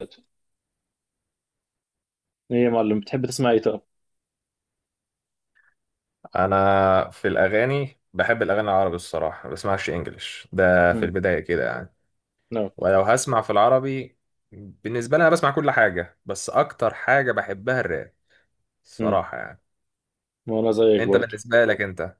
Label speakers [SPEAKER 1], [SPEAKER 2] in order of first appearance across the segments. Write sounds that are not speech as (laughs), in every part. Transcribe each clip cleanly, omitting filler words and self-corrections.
[SPEAKER 1] ايه. يا معلم، بتحب تسمع ايه طب؟
[SPEAKER 2] انا في الاغاني بحب الاغاني العربي الصراحه ما بسمعش انجليش ده في
[SPEAKER 1] امم.
[SPEAKER 2] البدايه كده يعني،
[SPEAKER 1] نعم.
[SPEAKER 2] ولو هسمع في العربي. بالنسبه لي انا بسمع كل حاجه، بس اكتر حاجه بحبها الراب
[SPEAKER 1] امم.
[SPEAKER 2] الصراحه يعني.
[SPEAKER 1] وانا زيك
[SPEAKER 2] انت
[SPEAKER 1] برضو.
[SPEAKER 2] بالنسبه لك انت؟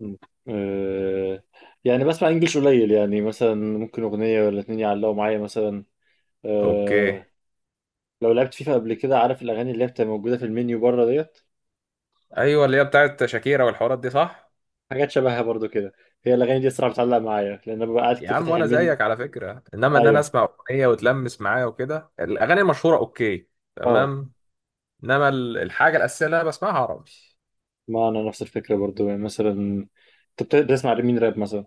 [SPEAKER 1] مم. أه يعني بسمع انجلش قليل يعني مثلا ممكن اغنيه ولا اتنين يعلقوا معايا مثلا.
[SPEAKER 2] اوكي.
[SPEAKER 1] أه. لو لعبت فيفا قبل كده، عارف الاغاني اللي هي بتبقى موجوده في المنيو بره ديت؟
[SPEAKER 2] ايوه، اللي هي بتاعت شاكيرا والحوارات دي، صح.
[SPEAKER 1] حاجات شبهها برضو كده. هي الاغاني دي الصراحه بتعلق معايا لان انا ببقى قاعد
[SPEAKER 2] يا
[SPEAKER 1] كتير
[SPEAKER 2] عم
[SPEAKER 1] فاتح
[SPEAKER 2] وانا
[SPEAKER 1] المنيو.
[SPEAKER 2] زيك على فكره، انما ان انا
[SPEAKER 1] ايوه.
[SPEAKER 2] اسمع اغنيه وتلمس معايا وكده الاغاني المشهوره. اوكي،
[SPEAKER 1] اه.
[SPEAKER 2] تمام. انما الحاجه الاساسيه اللي انا بسمعها عربي.
[SPEAKER 1] ما انا نفس الفكره برضو يعني مثلا. انت بتسمع مين راب مثلا؟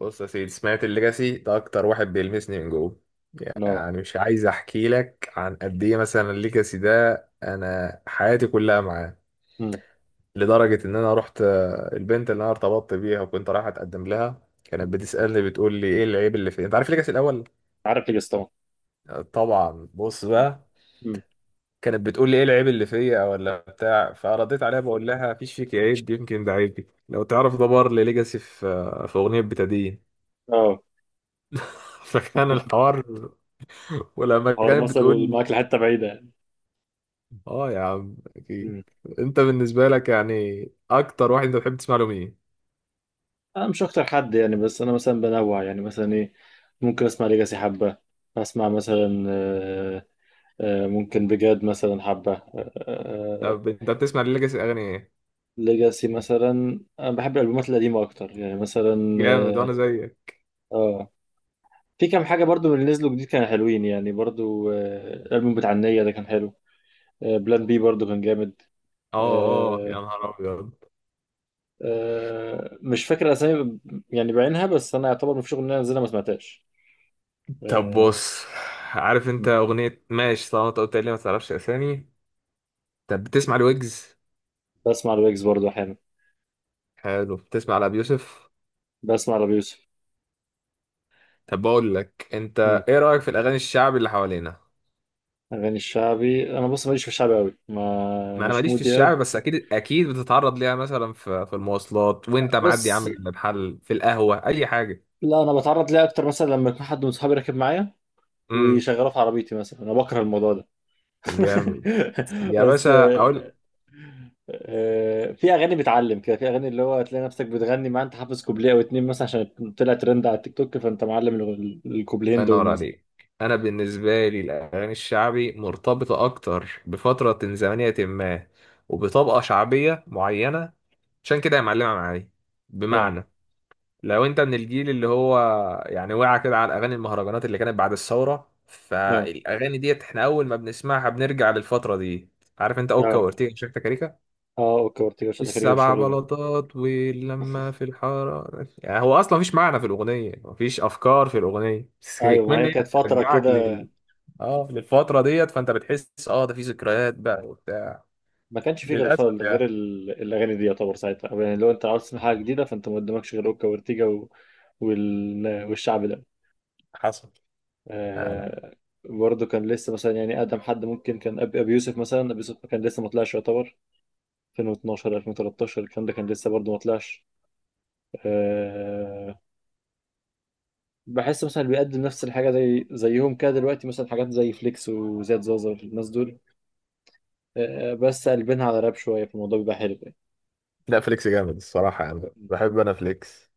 [SPEAKER 2] بص يا سيدي، سمعت الليجاسي ده اكتر واحد بيلمسني من جوه.
[SPEAKER 1] اه.
[SPEAKER 2] يعني مش عايز احكي لك عن قد ايه مثلا الليجاسي ده، انا حياتي كلها معاه.
[SPEAKER 1] امم.
[SPEAKER 2] لدرجه ان انا رحت البنت اللي انا ارتبطت بيها وكنت رايح اتقدم لها، كانت بتسالني بتقول لي ايه العيب اللي فيا، انت عارف الليجاسي الاول.
[SPEAKER 1] عارف ليجاسي طبعا.
[SPEAKER 2] طبعا. بص
[SPEAKER 1] مم.
[SPEAKER 2] بقى،
[SPEAKER 1] مم.
[SPEAKER 2] كانت بتقول لي ايه العيب اللي فيا ولا بتاع، فرديت عليها بقول لها مفيش فيك عيب، يمكن ده عيبي. لو تعرف ده بار لليجاسي في في اغنيه بتدين.
[SPEAKER 1] اه.
[SPEAKER 2] (laughs) فكان الحوار، ولما
[SPEAKER 1] حوار
[SPEAKER 2] كانت بتقول
[SPEAKER 1] مثلا معاك
[SPEAKER 2] لي.
[SPEAKER 1] لحته بعيده.
[SPEAKER 2] اه يا عم اكيد.
[SPEAKER 1] مم.
[SPEAKER 2] انت بالنسبه لك يعني، اكتر واحد انت بتحب تسمع له مين؟
[SPEAKER 1] انا مش اكتر حد يعني، بس انا مثلا بنوع يعني مثلا ايه. ممكن اسمع ليجاسي حبه. اسمع مثلا ممكن بجد مثلا حبه
[SPEAKER 2] طب انت بتسمع ليجاسي اغاني ايه؟
[SPEAKER 1] ليجاسي مثلا. انا بحب الالبومات القديمه اكتر يعني مثلا
[SPEAKER 2] جامد
[SPEAKER 1] اه.
[SPEAKER 2] وانا زيك.
[SPEAKER 1] آه، في كام حاجه برضو من اللي نزلوا جديد كانوا حلوين يعني برضو. الالبوم بتاع النية ده كان حلو. بلان بي برضو كان جامد.
[SPEAKER 2] اه، اه يا
[SPEAKER 1] آه،
[SPEAKER 2] نهار ابيض.
[SPEAKER 1] مش فاكر اسامي يعني بعينها، بس انا يعتبر مفيش اغنيه نزلها ما سمعتهاش.
[SPEAKER 2] طب
[SPEAKER 1] آه،
[SPEAKER 2] بص، عارف انت اغنيه ماشي، طالما انت قلت لي ما تعرفش اسامي. طب بتسمع لويجز؟
[SPEAKER 1] بسمع لويجز برضه احيانا.
[SPEAKER 2] حلو. بتسمع لابي يوسف؟
[SPEAKER 1] بسمع لابي يوسف.
[SPEAKER 2] طب بقول لك انت،
[SPEAKER 1] مم.
[SPEAKER 2] ايه رايك في الاغاني الشعبي اللي حوالينا؟
[SPEAKER 1] اغاني الشعبي، انا بص ماليش في الشعبي قوي، ما
[SPEAKER 2] ما انا
[SPEAKER 1] مش
[SPEAKER 2] ماليش في
[SPEAKER 1] مودي قوي.
[SPEAKER 2] الشعب، بس اكيد اكيد بتتعرض ليها مثلا في المواصلات وانت معدي يا
[SPEAKER 1] بس
[SPEAKER 2] عم، جنب محل، في القهوه، اي حاجه.
[SPEAKER 1] لا، انا بتعرض ليه اكتر مثلا لما يكون حد من صحابي راكب معايا
[SPEAKER 2] امم.
[SPEAKER 1] ويشغله في عربيتي مثلا. انا بكره الموضوع ده.
[SPEAKER 2] جامد.
[SPEAKER 1] (laughs)
[SPEAKER 2] يا
[SPEAKER 1] بس
[SPEAKER 2] باشا اقول.
[SPEAKER 1] في اغاني بتعلم كده، في اغاني اللي هو هتلاقي نفسك بتغني معاه. انت حافظ كوبليه او اتنين مثلا عشان طلع ترند على التيك توك، فانت معلم الكوبليهين
[SPEAKER 2] الله
[SPEAKER 1] دول
[SPEAKER 2] ينور
[SPEAKER 1] مثلا.
[SPEAKER 2] عليك. انا بالنسبه لي الاغاني الشعبي مرتبطه اكتر بفتره زمنيه ما، وبطبقه شعبيه معينه. عشان كده هي معلمه معايا.
[SPEAKER 1] اه.
[SPEAKER 2] بمعنى، لو انت من الجيل اللي هو يعني وقع كده على اغاني المهرجانات اللي كانت بعد الثوره،
[SPEAKER 1] اه.
[SPEAKER 2] فالاغاني ديت احنا اول ما بنسمعها بنرجع للفتره دي. عارف انت اوكا
[SPEAKER 1] اه.
[SPEAKER 2] وارتيجا وشيكتا كاريكا؟
[SPEAKER 1] اه. اوكي. اورتيجا مش كده
[SPEAKER 2] السبع
[SPEAKER 1] والشغل ده.
[SPEAKER 2] بلاطات واللمة في الحرارة. يعني هو أصلا مفيش معنى في الأغنية، مفيش أفكار في الأغنية، بس
[SPEAKER 1] ايوه، ما
[SPEAKER 2] كمان
[SPEAKER 1] هي
[SPEAKER 2] هي
[SPEAKER 1] كانت فتره
[SPEAKER 2] بترجعك
[SPEAKER 1] كده.
[SPEAKER 2] لل، اه، للفترة ديت. فأنت بتحس اه ده في ذكريات بقى وبتاع.
[SPEAKER 1] ما كانش فيه غير
[SPEAKER 2] للأسف
[SPEAKER 1] غير
[SPEAKER 2] يعني.
[SPEAKER 1] الاغاني دي يعتبر ساعتها. يعني لو انت عاوز تسمع حاجه جديده، فانت ما قدامكش غير اوكا وارتيجا والشعب ده.
[SPEAKER 2] حصل. آه لا.
[SPEAKER 1] آه... برضه كان لسه مثلا، يعني اقدم حد ممكن كان ابي يوسف مثلا. ابي يوسف كان لسه ما طلعش يعتبر 2012 2013. الكلام ده كان لسه برضه ما طلعش. آه... بحس مثلا اللي بيقدم نفس الحاجه زي زيهم كده دلوقتي، مثلا حاجات زي فليكس وزياد زازا والناس دول. بس قلبينها على راب شويه، فالموضوع بيبقى حلو يعني.
[SPEAKER 2] لا، فليكس جامد الصراحة يعني. بحب أنا فليكس.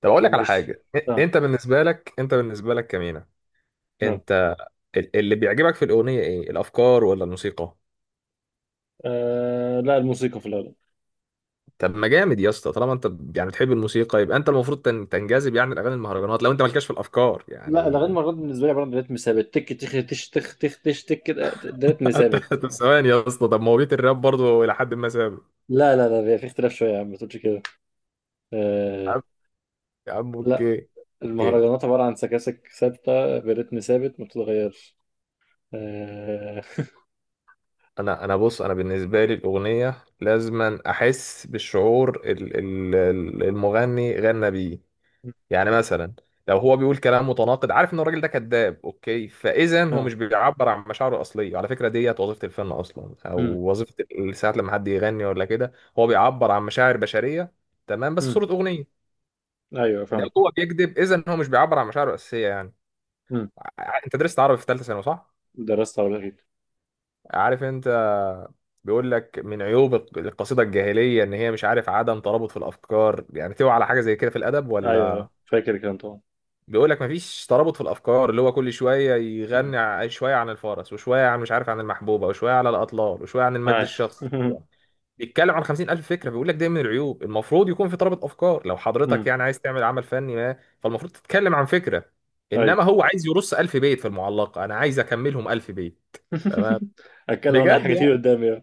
[SPEAKER 2] طب أقول لك على
[SPEAKER 1] مش.
[SPEAKER 2] حاجة،
[SPEAKER 1] اه.
[SPEAKER 2] أنت بالنسبة لك كمينة.
[SPEAKER 1] نعم.
[SPEAKER 2] أنت اللي بيعجبك في الأغنية إيه؟ الأفكار ولا الموسيقى؟
[SPEAKER 1] لا، الموسيقى في الأغلب.
[SPEAKER 2] طب ما جامد يا اسطى، طالما انت يعني بتحب الموسيقى يبقى انت المفروض تنجذب يعني لاغاني المهرجانات، لو انت مالكش في الافكار
[SPEAKER 1] لا،
[SPEAKER 2] يعني.
[SPEAKER 1] الأغاني مرات بالنسبة لي عبارة عن رتم ثابت. تك تخ تش تخ تخ تش تك كده، ده رتم
[SPEAKER 2] (laughs) انت
[SPEAKER 1] ثابت.
[SPEAKER 2] طب ثواني يا اسطى، طب ما هو بيت الراب برضه الى حد ما ثابت.
[SPEAKER 1] لا لا لا، بيبقى في اختلاف شوية يا عم، ما تقولش كده.
[SPEAKER 2] يا
[SPEAKER 1] آه.
[SPEAKER 2] عم، يا عم،
[SPEAKER 1] لا،
[SPEAKER 2] اوكي، اوكي.
[SPEAKER 1] المهرجانات عبارة عن سكاسك ثابتة برتم ثابت ما بتتغيرش. آه.
[SPEAKER 2] انا بص، انا بالنسبه لي الاغنيه لازما احس بالشعور المغني غنى بيه. يعني مثلا لو هو بيقول كلام متناقض، عارف ان الراجل ده كذاب، اوكي، فاذا هو
[SPEAKER 1] آه.
[SPEAKER 2] مش بيعبر عن مشاعره الاصليه. على فكره ديت وظيفه الفن اصلا، او
[SPEAKER 1] مم.
[SPEAKER 2] وظيفه ساعات لما حد يغني ولا كده هو بيعبر عن مشاعر بشريه، تمام، بس في
[SPEAKER 1] مم.
[SPEAKER 2] صوره اغنيه.
[SPEAKER 1] أيوه،
[SPEAKER 2] لو
[SPEAKER 1] فاهمك.
[SPEAKER 2] هو بيكذب اذا هو مش بيعبر عن مشاعره الاساسيه يعني.
[SPEAKER 1] مم.
[SPEAKER 2] انت درست عربي في ثالثه ثانوي، صح؟
[SPEAKER 1] درست عربي أكيد.
[SPEAKER 2] عارف انت، بيقول لك من عيوب القصيده الجاهليه ان هي مش عارف عدم ترابط في الافكار. يعني تقوى على حاجه زي كده في الادب ولا؟
[SPEAKER 1] أيوه، فاكر الكلام طبعا.
[SPEAKER 2] بيقول لك مفيش ترابط في الافكار، اللي هو كل شويه
[SPEAKER 1] مم.
[SPEAKER 2] يغني شويه عن الفرس وشويه عن مش عارف عن المحبوبه وشويه على الاطلال وشويه عن المجد
[SPEAKER 1] أيوه.
[SPEAKER 2] الشخصي.
[SPEAKER 1] (laughs)
[SPEAKER 2] بيتكلم عن 50,000 فكره، بيقول لك ده من العيوب، المفروض يكون في ترابط افكار، لو حضرتك
[SPEAKER 1] مم.
[SPEAKER 2] يعني عايز تعمل عمل فني ما، فالمفروض تتكلم عن فكره.
[SPEAKER 1] أيوه.
[SPEAKER 2] انما هو عايز يرص 1000 بيت في المعلقه، انا عايز اكملهم 1000 بيت. تمام.
[SPEAKER 1] (laughs) أتكلم أنا عن
[SPEAKER 2] بجد
[SPEAKER 1] حاجات كتير
[SPEAKER 2] يعني.
[SPEAKER 1] قدامي.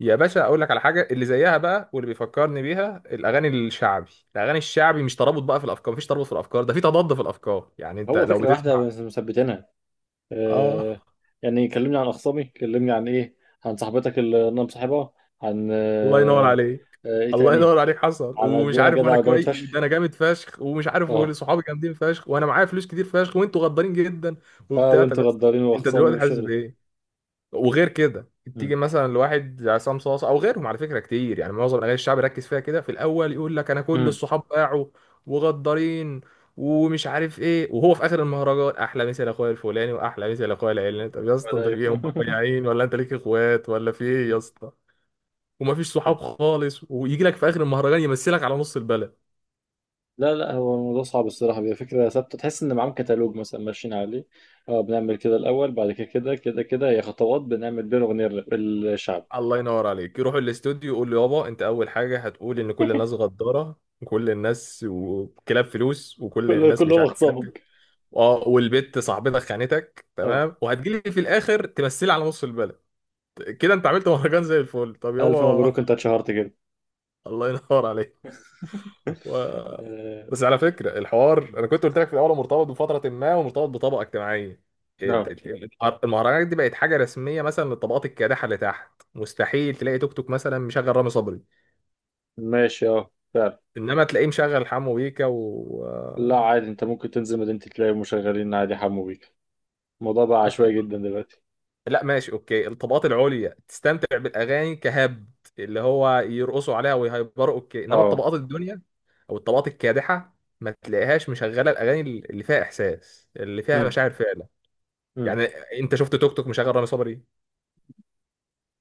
[SPEAKER 2] يا باشا اقول لك على حاجه اللي زيها بقى واللي بيفكرني بيها الاغاني الشعبي. الاغاني الشعبي مش ترابط بقى في الافكار، مفيش ترابط في الافكار، ده في تضاد في الافكار. يعني انت
[SPEAKER 1] هو
[SPEAKER 2] لو
[SPEAKER 1] فكرة واحدة
[SPEAKER 2] بتسمع.
[SPEAKER 1] بس مثبتينها.
[SPEAKER 2] اه.
[SPEAKER 1] آه. يعني كلمني عن أخصامي، كلمني عن إيه، عن صاحبتك اللي أنا مصاحبها، عن
[SPEAKER 2] الله ينور
[SPEAKER 1] آه.
[SPEAKER 2] عليك.
[SPEAKER 1] آه، إيه
[SPEAKER 2] الله
[SPEAKER 1] تاني؟
[SPEAKER 2] ينور عليك. حصل
[SPEAKER 1] عن قد
[SPEAKER 2] ومش
[SPEAKER 1] إيه أنا
[SPEAKER 2] عارف،
[SPEAKER 1] جدع
[SPEAKER 2] وانا
[SPEAKER 1] وجامد
[SPEAKER 2] كويس، ده
[SPEAKER 1] فشخ.
[SPEAKER 2] انا جامد فشخ، ومش عارف،
[SPEAKER 1] أه.
[SPEAKER 2] وصحابي جامدين فشخ، وانا معايا فلوس كتير فشخ، وانتوا غدارين جدا،
[SPEAKER 1] أه،
[SPEAKER 2] وبتاع. طب
[SPEAKER 1] وأنتوا
[SPEAKER 2] يا اسطى،
[SPEAKER 1] غدارين
[SPEAKER 2] انت
[SPEAKER 1] وأخصامي
[SPEAKER 2] دلوقتي حاسس
[SPEAKER 1] والشغل.
[SPEAKER 2] بايه؟ وغير كده،
[SPEAKER 1] مم.
[SPEAKER 2] تيجي مثلا لواحد زي عصام صاصا او غيرهم، على فكره كتير يعني معظم الاغاني الشعب ركز فيها كده في الاول يقول لك انا كل
[SPEAKER 1] مم.
[SPEAKER 2] الصحاب باعوا وغدارين ومش عارف ايه، وهو في اخر المهرجان احلى مثل اخويا الفلاني واحلى مثل اخويا العلاني. طب يا اسطى
[SPEAKER 1] ده
[SPEAKER 2] انت في ايه؟ هم
[SPEAKER 1] أيوه. (laughs)
[SPEAKER 2] مقيعين ولا انت ليك اخوات ولا في ايه يا اسطى؟ ومفيش صحاب خالص، ويجي لك في اخر المهرجان يمثلك على نص البلد.
[SPEAKER 1] لا لا، هو الموضوع صعب الصراحة، بيبقى فكرة ثابتة تحس إن معاهم كتالوج مثلا ماشيين عليه. أه، بنعمل كده الأول، بعد كده كده كده كده، هي خطوات بنعمل بين أغنية الشعب.
[SPEAKER 2] الله ينور عليك، يروح الاستوديو يقول له يابا انت اول حاجه هتقول ان كل الناس غداره وكل الناس وكلاب فلوس
[SPEAKER 1] (laughs)
[SPEAKER 2] وكل الناس مش
[SPEAKER 1] كلهم
[SPEAKER 2] عارف كلاب كده.
[SPEAKER 1] أخصامك.
[SPEAKER 2] اه والبت صاحبتك خانتك
[SPEAKER 1] أه.
[SPEAKER 2] تمام، وهتجيلي في الاخر تمثلي على نص البلد. كده انت عملت مهرجان زي الفل. طب
[SPEAKER 1] ألف
[SPEAKER 2] يابا.
[SPEAKER 1] مبروك، أنت اتشهرت كده.
[SPEAKER 2] (laughs) الله ينور عليك. و... بس على فكرة الحوار أنا كنت قلت لك في الأول هو مرتبط بفترة ما ومرتبط بطبقة اجتماعية. ال-
[SPEAKER 1] أه.
[SPEAKER 2] المهرجانات دي بقت حاجة رسمية مثلا للطبقات الكادحة اللي تحت. مستحيل تلاقي توك توك مثلا مشغل رامي صبري،
[SPEAKER 1] ماشي، اه فعلا.
[SPEAKER 2] إنما تلاقيه مشغل حمو بيكا و.
[SPEAKER 1] لا عادي، انت ممكن تنزل مدينتي تلاقي مشغلين عادي حمو بيك. الموضوع بقى
[SPEAKER 2] (laughs)
[SPEAKER 1] عشوائي جدا دلوقتي.
[SPEAKER 2] لا ماشي أوكي، الطبقات العليا تستمتع بالأغاني كهبد، اللي هو يرقصوا عليها ويهيبروا، أوكي، إنما
[SPEAKER 1] اه.
[SPEAKER 2] الطبقات الدنيا أو الطبقات الكادحة ما تلاقيهاش مشغلة الأغاني اللي فيها إحساس، اللي فيها
[SPEAKER 1] امم.
[SPEAKER 2] مشاعر فعلا.
[SPEAKER 1] امم.
[SPEAKER 2] يعني انت شفت توك توك مشغل رامي صبري؟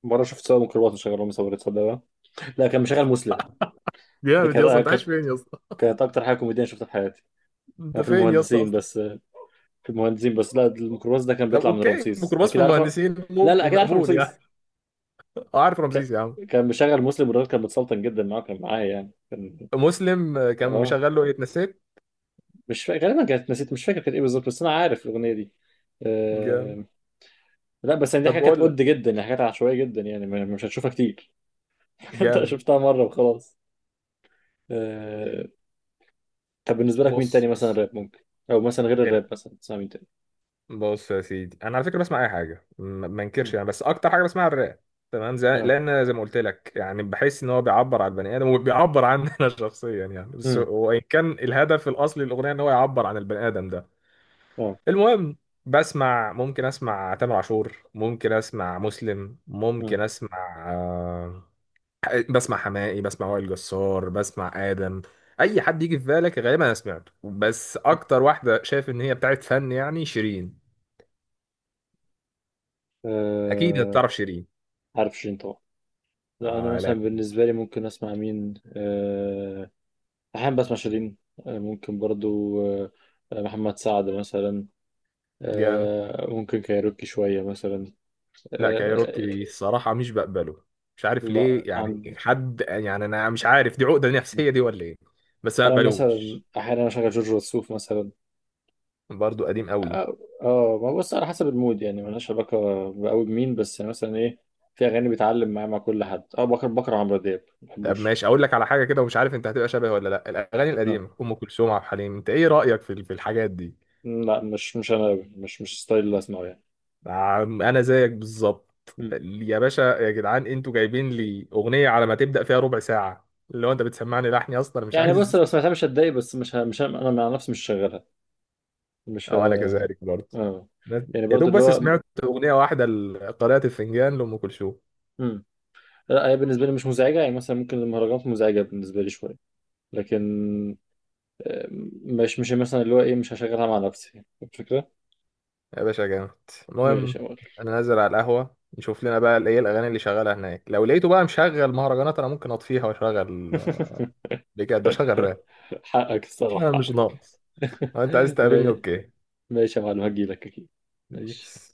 [SPEAKER 1] مرة شفت سواق ميكروباص مشغل رامي صبري، تصدق بقى؟ لا، كان مشغل مسلم. ده
[SPEAKER 2] جامد يا اسطى، انت
[SPEAKER 1] كانت
[SPEAKER 2] عايش
[SPEAKER 1] كانت
[SPEAKER 2] فين يا اسطى؟
[SPEAKER 1] كانت اكتر حاجة كوميدية شفتها في حياتي.
[SPEAKER 2] انت
[SPEAKER 1] انا في
[SPEAKER 2] فين يا اسطى
[SPEAKER 1] المهندسين
[SPEAKER 2] اصلا؟
[SPEAKER 1] بس، في المهندسين بس. لا، الميكروباص ده كان
[SPEAKER 2] طب
[SPEAKER 1] بيطلع من
[SPEAKER 2] اوكي
[SPEAKER 1] رمسيس،
[SPEAKER 2] ميكروباص في
[SPEAKER 1] اكيد عارف.
[SPEAKER 2] المهندسين
[SPEAKER 1] لا لا،
[SPEAKER 2] ممكن
[SPEAKER 1] اكيد عارف
[SPEAKER 2] مقبول يعني.
[SPEAKER 1] رمسيس.
[SPEAKER 2] اه عارف
[SPEAKER 1] ك...
[SPEAKER 2] رمسيس يا عم.
[SPEAKER 1] كان مشغل مسلم، والراجل كان متسلطن جدا معاه، كان معايا يعني كان.
[SPEAKER 2] مسلم كان
[SPEAKER 1] اه.
[SPEAKER 2] مشغل له ايه؟ اتنسيت.
[SPEAKER 1] مش فاكر غالبا، كانت نسيت، مش فاكر كانت ايه بالظبط، بس انا عارف الاغنية دي.
[SPEAKER 2] جامد.
[SPEAKER 1] آه، لا بس يعني دي
[SPEAKER 2] طب
[SPEAKER 1] حاجات كانت
[SPEAKER 2] بقول
[SPEAKER 1] قد
[SPEAKER 2] لك.
[SPEAKER 1] جدا، يعني حاجات عشوائية جدا يعني مش هتشوفها كتير. (laughs) انت
[SPEAKER 2] جامد.
[SPEAKER 1] شفتها مرة وخلاص. آه... طب بالنسبة لك مين تاني
[SPEAKER 2] بص
[SPEAKER 1] مثلا
[SPEAKER 2] بص.
[SPEAKER 1] راب ممكن، او مثلا غير
[SPEAKER 2] فرق.
[SPEAKER 1] الراب مثلا تسمع مين تاني؟
[SPEAKER 2] بص يا سيدي، انا على فكره بسمع اي حاجه ما
[SPEAKER 1] مم.
[SPEAKER 2] انكرش يعني، بس اكتر حاجه بسمعها الراب. تمام، زي
[SPEAKER 1] اه.
[SPEAKER 2] لان زي ما قلت لك يعني بحس ان هو بيعبر عن البني ادم وبيعبر عني انا (laughs) شخصيا يعني. بس
[SPEAKER 1] مم.
[SPEAKER 2] وان كان الهدف الاصلي للاغنيه ان هو يعبر عن البني ادم ده.
[SPEAKER 1] اه.
[SPEAKER 2] المهم، بسمع، ممكن اسمع تامر عاشور، ممكن اسمع مسلم،
[SPEAKER 1] مم.
[SPEAKER 2] ممكن اسمع بسمع حماقي، بسمع وائل جسار، بسمع ادم. اي حد يجي في بالك غالبا انا سمعته، بس اكتر واحده شايف ان هي بتاعت فن يعني شيرين. اكيد انت
[SPEAKER 1] آه...
[SPEAKER 2] تعرف شيرين.
[SPEAKER 1] عارف شيرين طبعا. لا انا
[SPEAKER 2] آه
[SPEAKER 1] مثلا
[SPEAKER 2] لا.
[SPEAKER 1] بالنسبة لي ممكن اسمع مين احيانا بسمع شيرين. آه، ممكن برضو محمد سعد مثلا.
[SPEAKER 2] جامد.
[SPEAKER 1] ممكن كايروكي شوية مثلا.
[SPEAKER 2] لا،
[SPEAKER 1] آه...
[SPEAKER 2] كايروكي الصراحه مش بقبله، مش عارف
[SPEAKER 1] لا
[SPEAKER 2] ليه يعني
[SPEAKER 1] عند.
[SPEAKER 2] حد، يعني انا مش عارف دي عقده نفسيه دي ولا ايه، بس ما
[SPEAKER 1] انا
[SPEAKER 2] بقبلوش.
[SPEAKER 1] مثلا احيانا اشغل جورج وسوف مثلا.
[SPEAKER 2] برضه قديم قوي.
[SPEAKER 1] اه ما بص، على حسب المود يعني ملهاش علاقه قوي بمين، بس يعني مثلا ايه. في اغاني بيتعلم معايا مع كل حد. اه، بكره عمرو دياب ما
[SPEAKER 2] طب
[SPEAKER 1] بحبوش.
[SPEAKER 2] ماشي، اقول لك على حاجه كده، ومش عارف انت هتبقى شبه ولا لا. الاغاني
[SPEAKER 1] آه.
[SPEAKER 2] القديمه، ام كلثوم، عبد الحليم، انت ايه رايك في الحاجات دي؟
[SPEAKER 1] لا، مش انا أوي. مش ستايل اللي اسمعه يعني.
[SPEAKER 2] انا زيك بالظبط.
[SPEAKER 1] مم.
[SPEAKER 2] يا باشا يا جدعان، انتوا جايبين لي اغنيه على ما تبدا فيها ربع ساعه، اللي هو انت بتسمعني لحني اصلا مش
[SPEAKER 1] يعني بص،
[SPEAKER 2] عايز.
[SPEAKER 1] لو سمعتها مش هتضايق، بس مش ه... مش ه... انا مع نفسي مش شغالها.
[SPEAKER 2] (laughs)
[SPEAKER 1] مش ه...
[SPEAKER 2] او انا كذلك برضه.
[SPEAKER 1] اه
[SPEAKER 2] أنا
[SPEAKER 1] يعني
[SPEAKER 2] يا
[SPEAKER 1] برضو
[SPEAKER 2] دوب
[SPEAKER 1] اللي
[SPEAKER 2] بس
[SPEAKER 1] هو.
[SPEAKER 2] سمعت اغنيه واحده قارئة الفنجان لام كلثوم.
[SPEAKER 1] مم. لا، هي بالنسبه لي مش مزعجه. يعني مثلا ممكن المهرجانات مزعجه بالنسبه لي شويه، لكن مش مش مثلا اللي هو ايه، مش هشغلها مع نفسي الفكرة.
[SPEAKER 2] يا باشا جامد.
[SPEAKER 1] ماشي
[SPEAKER 2] المهم
[SPEAKER 1] يا مول.
[SPEAKER 2] انا نازل على القهوه نشوف لنا بقى ايه الاغاني اللي شغاله هناك، لو لقيته بقى مشغل مهرجانات انا ممكن اطفيها واشغل، بجد اشغل راب.
[SPEAKER 1] (laughs) حقك
[SPEAKER 2] لا
[SPEAKER 1] الصراحة،
[SPEAKER 2] مش
[SPEAKER 1] حقك.
[SPEAKER 2] ناقص.
[SPEAKER 1] (laughs)
[SPEAKER 2] لو انت عايز تقابلني
[SPEAKER 1] ماشي.
[SPEAKER 2] اوكي.
[SPEAKER 1] ماشي يا معلم، هجيلك اكيد. ماشي.
[SPEAKER 2] بيس.